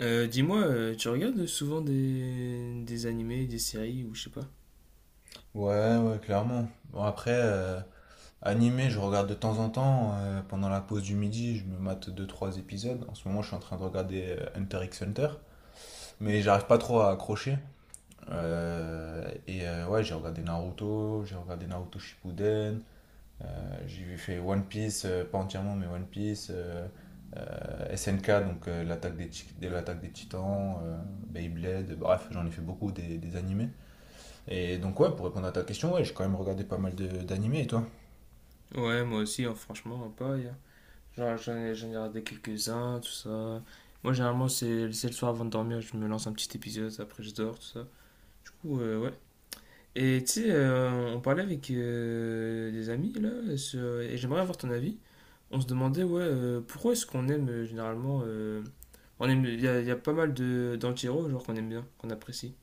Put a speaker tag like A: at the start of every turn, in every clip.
A: Dis-moi, tu regardes souvent des animés, des séries ou je sais pas?
B: Ouais, ouais, clairement. Bon, après, animé, je regarde de temps en temps. Pendant la pause du midi, je me mate deux trois épisodes. En ce moment, je suis en train de regarder Hunter x Hunter. Mais j'arrive pas trop à accrocher. Ouais, j'ai regardé Naruto Shippuden. J'ai fait One Piece, pas entièrement, mais One Piece. SNK, donc l'attaque de l'attaque des Titans, Beyblade. Bref, j'en ai fait beaucoup des animés. Et donc ouais, pour répondre à ta question, ouais, j'ai quand même regardé pas mal d'animés, et toi?
A: Ouais, moi aussi, hein, franchement, pas. Genre, j'en ai regardé quelques-uns, tout ça. Moi, généralement, c'est le soir avant de dormir, je me lance un petit épisode, après je dors, tout ça. Du coup, ouais. Et tu sais, on parlait avec des amis, là, et j'aimerais avoir ton avis. On se demandait, ouais, pourquoi est-ce qu'on aime généralement. On aime, il y a pas mal de d'anti-héros, genre qu'on aime bien, qu'on apprécie.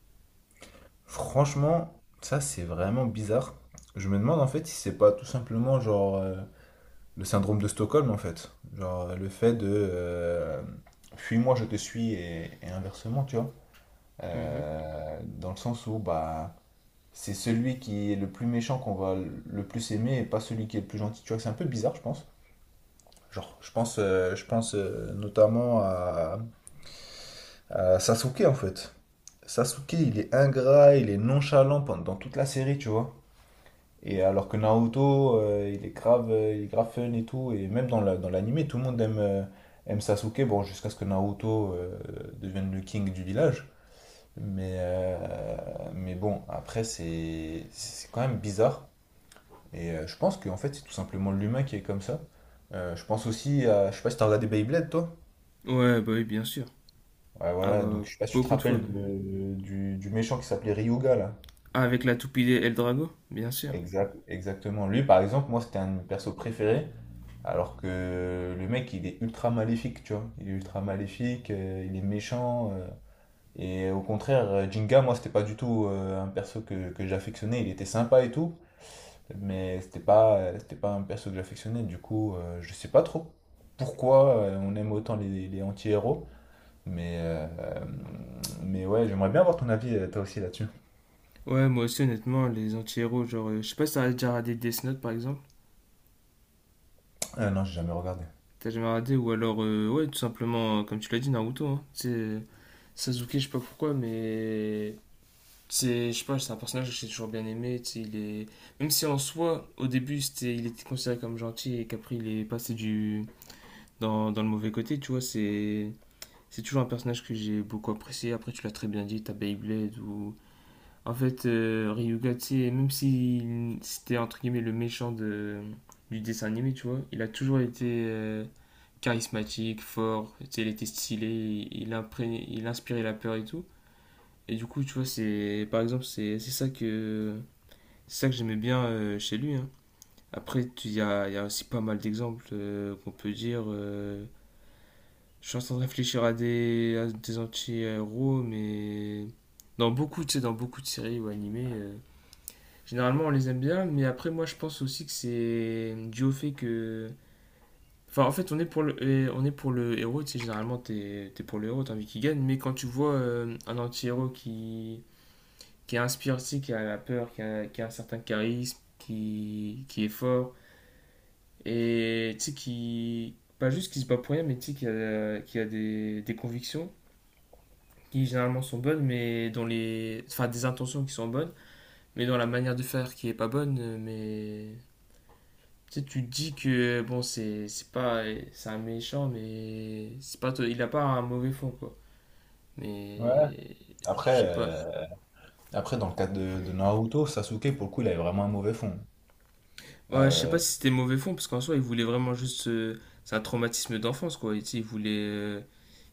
B: Franchement, ça c'est vraiment bizarre. Je me demande en fait si c'est pas tout simplement genre le syndrome de Stockholm en fait. Genre le fait de fuis-moi, je te suis et inversement, tu vois.
A: Mhm.
B: Dans le sens où bah c'est celui qui est le plus méchant qu'on va le plus aimer et pas celui qui est le plus gentil. Tu vois, c'est un peu bizarre, je pense. Je pense notamment à Sasuke en fait. Sasuke, il est ingrat, il est nonchalant pendant dans toute la série, tu vois. Et alors que Naruto, il est grave fun et tout. Et même dans dans l'anime, tout le monde aime Sasuke. Bon, jusqu'à ce que Naruto devienne le king du village. Mais, euh, mais bon, après, c'est quand même bizarre. Je pense qu'en fait, c'est tout simplement l'humain qui est comme ça. Je pense aussi à. Je sais pas si t'as regardé Beyblade, toi?
A: Ouais, bah oui, bien sûr.
B: Ouais,
A: Ah
B: voilà.
A: bah,
B: Donc, je sais pas si tu te
A: beaucoup de fois
B: rappelles
A: même.
B: du méchant qui s'appelait Ryuga, là.
A: Ah, avec la toupie El Drago, bien sûr.
B: Exact, exactement. Lui, par exemple, moi, c'était un de mes persos préférés. Alors que le mec, il est ultra maléfique, tu vois. Il est ultra maléfique, il est méchant. Et au contraire, Jinga, moi, c'était pas du tout un perso que j'affectionnais. Il était sympa et tout, mais c'était pas un perso que j'affectionnais. Du coup, je sais pas trop pourquoi on aime autant les anti-héros. Mais, euh, mais ouais, j'aimerais bien avoir ton avis, toi aussi, là-dessus.
A: Ouais, moi aussi, honnêtement, les anti-héros, genre, je sais pas si t'as déjà regardé Death Note par exemple.
B: Non, j'ai jamais regardé.
A: T'as jamais regardé, ou alors, ouais, tout simplement, comme tu l'as dit, Naruto, hein. Tu Sasuke, je sais pas pourquoi, mais. Je sais pas, c'est un personnage que j'ai toujours bien aimé, tu sais, il est. Même si en soi, au début, il était considéré comme gentil et qu'après, il est passé du. Dans le mauvais côté, tu vois, c'est. C'est toujours un personnage que j'ai beaucoup apprécié. Après, tu l'as très bien dit, t'as Beyblade ou. En fait, Ryuga, tu sais, même si c'était entre guillemets le méchant du dessin animé, tu vois, il a toujours été charismatique, fort, tu sais, il était stylé, il inspirait la peur et tout. Et du coup, tu vois, c'est par exemple, c'est ça que j'aimais bien chez lui, hein. Après, il y a aussi pas mal d'exemples qu'on peut dire. Je suis en train de réfléchir à des anti-héros, mais dans beaucoup, tu sais, dans beaucoup de séries ou animés. Généralement, on les aime bien, mais après, moi, je pense aussi que c'est dû au fait que. Enfin, en fait, on est pour le, et on est pour le héros, tu sais, généralement, t'es pour le héros, t'as envie qu'il gagne, mais quand tu vois un anti-héros qui inspire, tu sais, qui a la peur, qui a un certain charisme, qui est fort, et tu sais, qui. Pas juste qui se bat pour rien, mais tu sais, qui a des convictions, qui généralement sont bonnes, mais dont les. Enfin, des intentions qui sont bonnes, mais dans la manière de faire qui est pas bonne, mais tu sais, tu te dis que bon, c'est pas, c'est un méchant, mais c'est pas, il a pas un mauvais fond quoi.
B: Ouais.
A: Mais je
B: Après,
A: sais pas.
B: après, dans le cadre de Naruto, Sasuke, pour le coup, il avait vraiment un mauvais fond.
A: Ouais, je sais pas
B: Euh,
A: si c'était mauvais fond parce qu'en soi, il voulait vraiment juste c'est un traumatisme d'enfance quoi. Et tu sais, il voulait euh,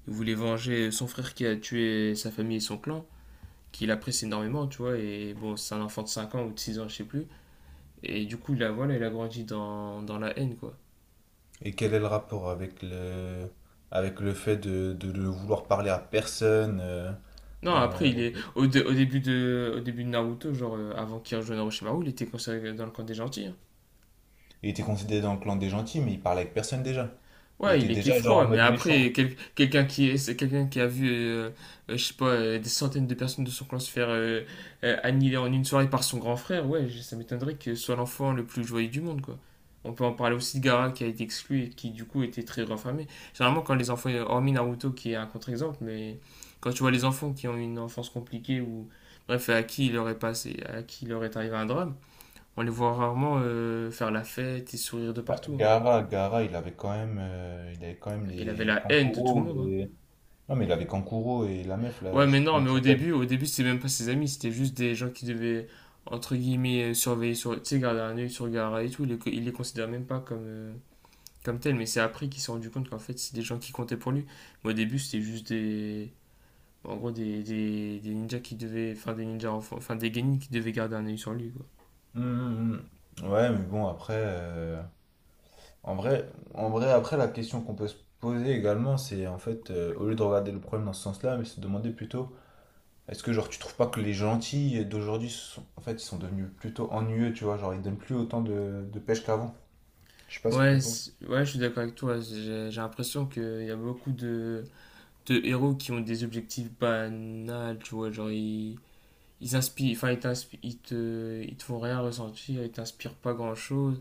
A: il voulait venger son frère qui a tué sa famille et son clan, qu'il apprécie énormément, tu vois. Et bon, c'est un enfant de 5 ans ou de 6 ans, je sais plus. Et du coup, là voilà, il a grandi dans la haine quoi.
B: Et quel est le rapport avec avec le fait de vouloir parler à personne
A: Non, après,
B: euh,
A: il est au, dé- au début de Naruto, genre avant qu'il rejoigne Orochimaru, il était considéré dans le camp des gentils, hein.
B: il était considéré dans le clan des gentils, mais il parlait avec personne déjà. Il
A: Ouais, il
B: était
A: était
B: déjà genre
A: froid,
B: en
A: mais
B: mode
A: après,
B: méchant.
A: quelqu'un c'est quelqu'un qui a vu, je sais pas, des centaines de personnes de son clan se faire annihiler en une soirée par son grand frère, ouais, ça m'étonnerait que ce soit l'enfant le plus joyeux du monde, quoi. On peut en parler aussi de Gaara qui a été exclu et qui, du coup, était très renfermé. Généralement, quand les enfants, hormis Naruto qui est un contre-exemple, mais quand tu vois les enfants qui ont une enfance compliquée ou, bref, à qui il leur est arrivé un drame, on les voit rarement faire la fête et sourire de
B: Bah,
A: partout, hein.
B: Gaara, il avait quand même, il avait quand même
A: Il avait
B: les
A: la haine de tout le
B: Kankuro.
A: monde, hein.
B: Non, mais il avait Kankuro et la meuf là,
A: Ouais,
B: je sais
A: mais
B: plus
A: non,
B: comment elle
A: mais au
B: s'appelle.
A: début, au début, c'était même pas ses amis, c'était juste des gens qui devaient, entre guillemets, surveiller tu sais, garder un œil sur Gaara et tout. Il les considère même pas comme tels, mais c'est après qu'il s'est rendu compte qu'en fait, c'est des gens qui comptaient pour lui. Mais au début, c'était juste en gros, des ninjas qui devaient, enfin, des ninjas enfants, enfin, des genin qui devaient garder un œil sur lui, quoi.
B: Hum, hum, Ouais, mais bon, après, en vrai, en vrai, après, la question qu'on peut se poser également, c'est en fait, au lieu de regarder le problème dans ce sens-là, mais se demander plutôt. Est-ce que genre tu trouves pas que les gentils d'aujourd'hui sont en fait ils sont devenus plutôt ennuyeux, tu vois, genre ils donnent plus autant de pêche qu'avant. Je sais pas ce que t'en
A: Ouais,
B: penses.
A: ouais, je suis d'accord avec toi. J'ai l'impression qu'il y a beaucoup de héros qui ont des objectifs banals, tu vois, genre, ils inspirent, enfin, ils te font rien ressentir, ils t'inspirent pas grand chose.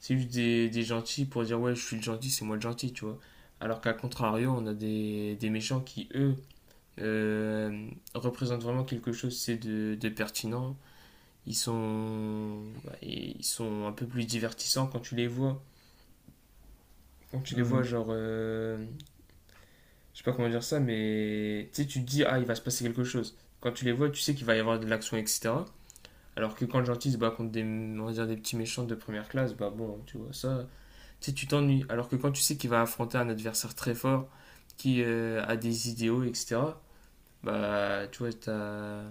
A: C'est juste des gentils pour dire ouais, je suis le gentil, c'est moi le gentil, tu vois. Alors qu'à contrario, on a des méchants qui, eux, euh, représentent vraiment quelque chose, c'est de pertinent. Ils sont, bah, ils sont un peu plus divertissants quand tu les vois. Quand tu les vois,
B: Hmm.
A: genre, je sais pas comment dire ça, mais tu sais, tu te dis, ah, il va se passer quelque chose. Quand tu les vois, tu sais qu'il va y avoir de l'action, etc. Alors que quand le gentil se bat contre on va dire, des petits méchants de première classe, bah bon, tu vois, ça, tu sais, tu t'ennuies. Alors que quand tu sais qu'il va affronter un adversaire très fort, qui a des idéaux, etc., bah, tu vois, t'as.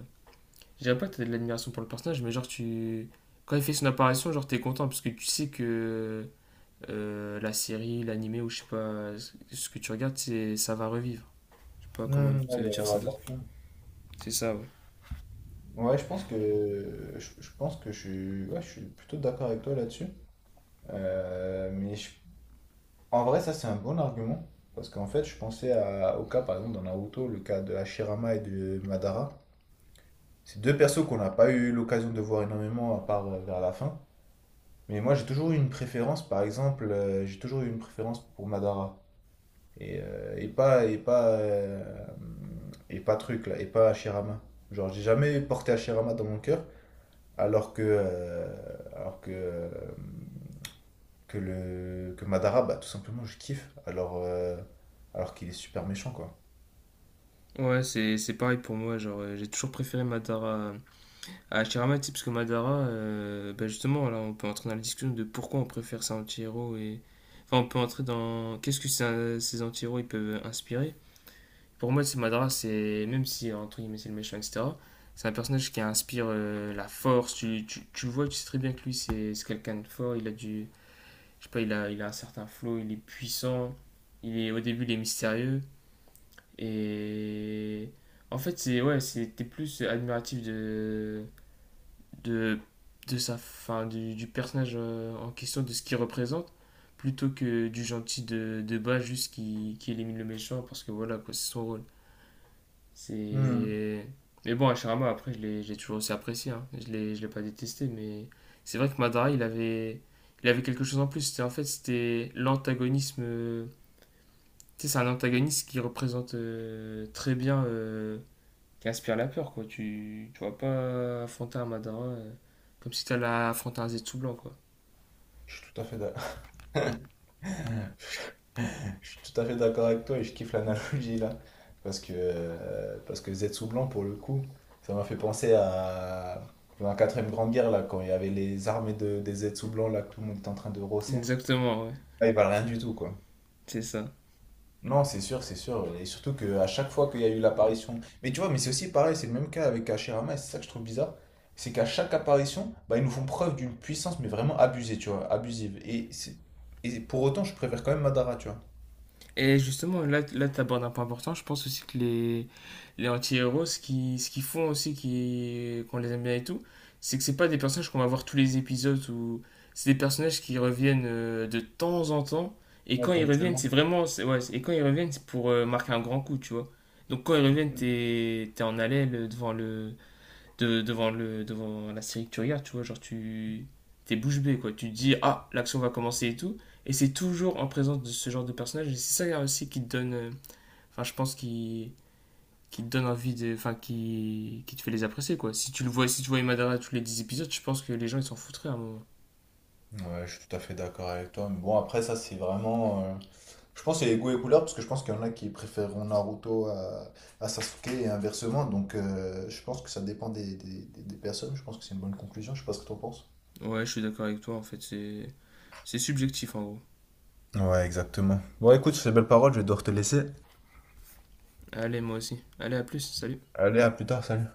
A: Je dirais pas que t'as de l'admiration pour le personnage, mais genre, tu. Quand il fait son apparition, genre, t'es content, parce que tu sais que la série, l'animé, ou je sais pas, ce que tu regardes, c'est ça va revivre. Je sais pas comment
B: Hmm,
A: te
B: ouais, il va y
A: dire ça
B: avoir de
A: d'autre.
B: l'action.
A: C'est ça, ouais.
B: Ouais, je pense je pense que je suis ouais, je suis plutôt d'accord avec toi là-dessus. Euh, mais je- En vrai, ça c'est un bon argument parce qu'en fait, au cas par exemple dans Naruto, le cas de Hashirama et de Madara. C'est deux persos qu'on n'a pas eu l'occasion de voir énormément à part vers la fin. Mais moi, j'ai toujours eu une préférence, par exemple, j'ai toujours eu une préférence pour Madara. Et pas, et pas, et pas truc, là, et pas Hashirama. Genre, j'ai jamais porté Hashirama dans mon cœur, alors que, euh, alors que, que Madara, bah, tout simplement, je kiffe. Alors qu'il est super méchant, quoi.
A: Ouais, c'est pareil pour moi, genre, j'ai toujours préféré Madara à Chiramati, parce que Madara, bah justement, là, on peut entrer dans la discussion de pourquoi on préfère ces anti-héros et. Enfin, on peut entrer dans. Qu'est-ce que ces, anti-héros ils peuvent inspirer. Pour moi, c'est Madara, c'est. Même si, entre guillemets, c'est le méchant, etc., c'est un personnage qui inspire la force. Tu le vois, tu sais très bien que lui, c'est quelqu'un de fort. Il a du. Je sais pas, il a un certain flow, il est puissant. Au début, il est mystérieux. Et. En fait, c'est. Ouais, c'était plus admiratif de, de sa, fin, du personnage en question, de ce qu'il représente, plutôt que du gentil de bas juste qui élimine le méchant parce que voilà, quoi, c'est son rôle.
B: Hmm.
A: C'est. Mais bon, Hashirama, après, j'ai toujours aussi apprécié, hein. Je l'ai pas détesté, mais c'est vrai que Madara, il avait quelque chose en plus. En fait, c'était l'antagonisme. Tu sais, c'est un antagoniste qui représente très bien qui aspire la peur, quoi. Tu vas pas affronter un Madara comme si t'allais affronter un Zetsu blanc, quoi.
B: Je suis tout à fait d'accord. Je suis tout à fait d'accord avec toi et je kiffe l'analogie là. Parce que Zetsu Blanc, pour le coup, ça m'a fait penser à la quatrième grande guerre là, quand il y avait les armées des Zetsu Blanc là, que tout le monde était en train de rosser.
A: Exactement, ouais.
B: Là, ils valent rien du tout quoi.
A: C'est ça.
B: Non, c'est sûr, c'est sûr. Et surtout qu'à chaque fois qu'il y a eu l'apparition. Mais tu vois, mais c'est aussi pareil, c'est le même cas avec Hashirama et c'est ça que je trouve bizarre. C'est qu'à chaque apparition, bah, ils nous font preuve d'une puissance, mais vraiment abusée, tu vois, abusive. Et pour autant, je préfère quand même Madara, tu vois.
A: Et justement, là, tu abordes un point important. Je pense aussi que les anti-héros, ce qu'ils font aussi, qu'on les aime bien et tout, c'est que c'est pas des personnages qu'on va voir tous les épisodes ou c'est des personnages qui reviennent de temps en temps. Et
B: Ouais,
A: quand ils reviennent,
B: ponctuellement.
A: c'est vraiment, c'est- ouais, et quand ils reviennent, c'est pour marquer un grand coup, tu vois. Donc quand ils reviennent, t'es en haleine devant le, de, devant, le, devant la série que tu regardes, tu vois, genre tu t'es bouche bée, quoi. Tu te dis, ah, l'action va commencer et tout. Et c'est toujours en présence de ce genre de personnage. Et c'est ça aussi qui te donne, enfin, je pense, qui te donne envie enfin, qui te fait les apprécier, quoi. Si tu vois Imadara tous les 10 épisodes, je pense que les gens, ils s'en foutraient à un moment.
B: Ouais, je suis tout à fait d'accord avec toi. Mais bon, après, ça, c'est vraiment. Je pense que c'est les goûts et couleurs, parce que je pense qu'il y en a qui préféreront Naruto à Sasuke et inversement. Donc, je pense que ça dépend des personnes. Je pense que c'est une bonne conclusion. Je sais pas ce que t'en penses.
A: Ouais, je suis d'accord avec toi, en fait. C'est subjectif, en gros.
B: Ouais, exactement. Bon, écoute, sur ces belles paroles, je vais devoir te laisser.
A: Allez, moi aussi. Allez, à plus. Salut.
B: Allez, à plus tard, salut.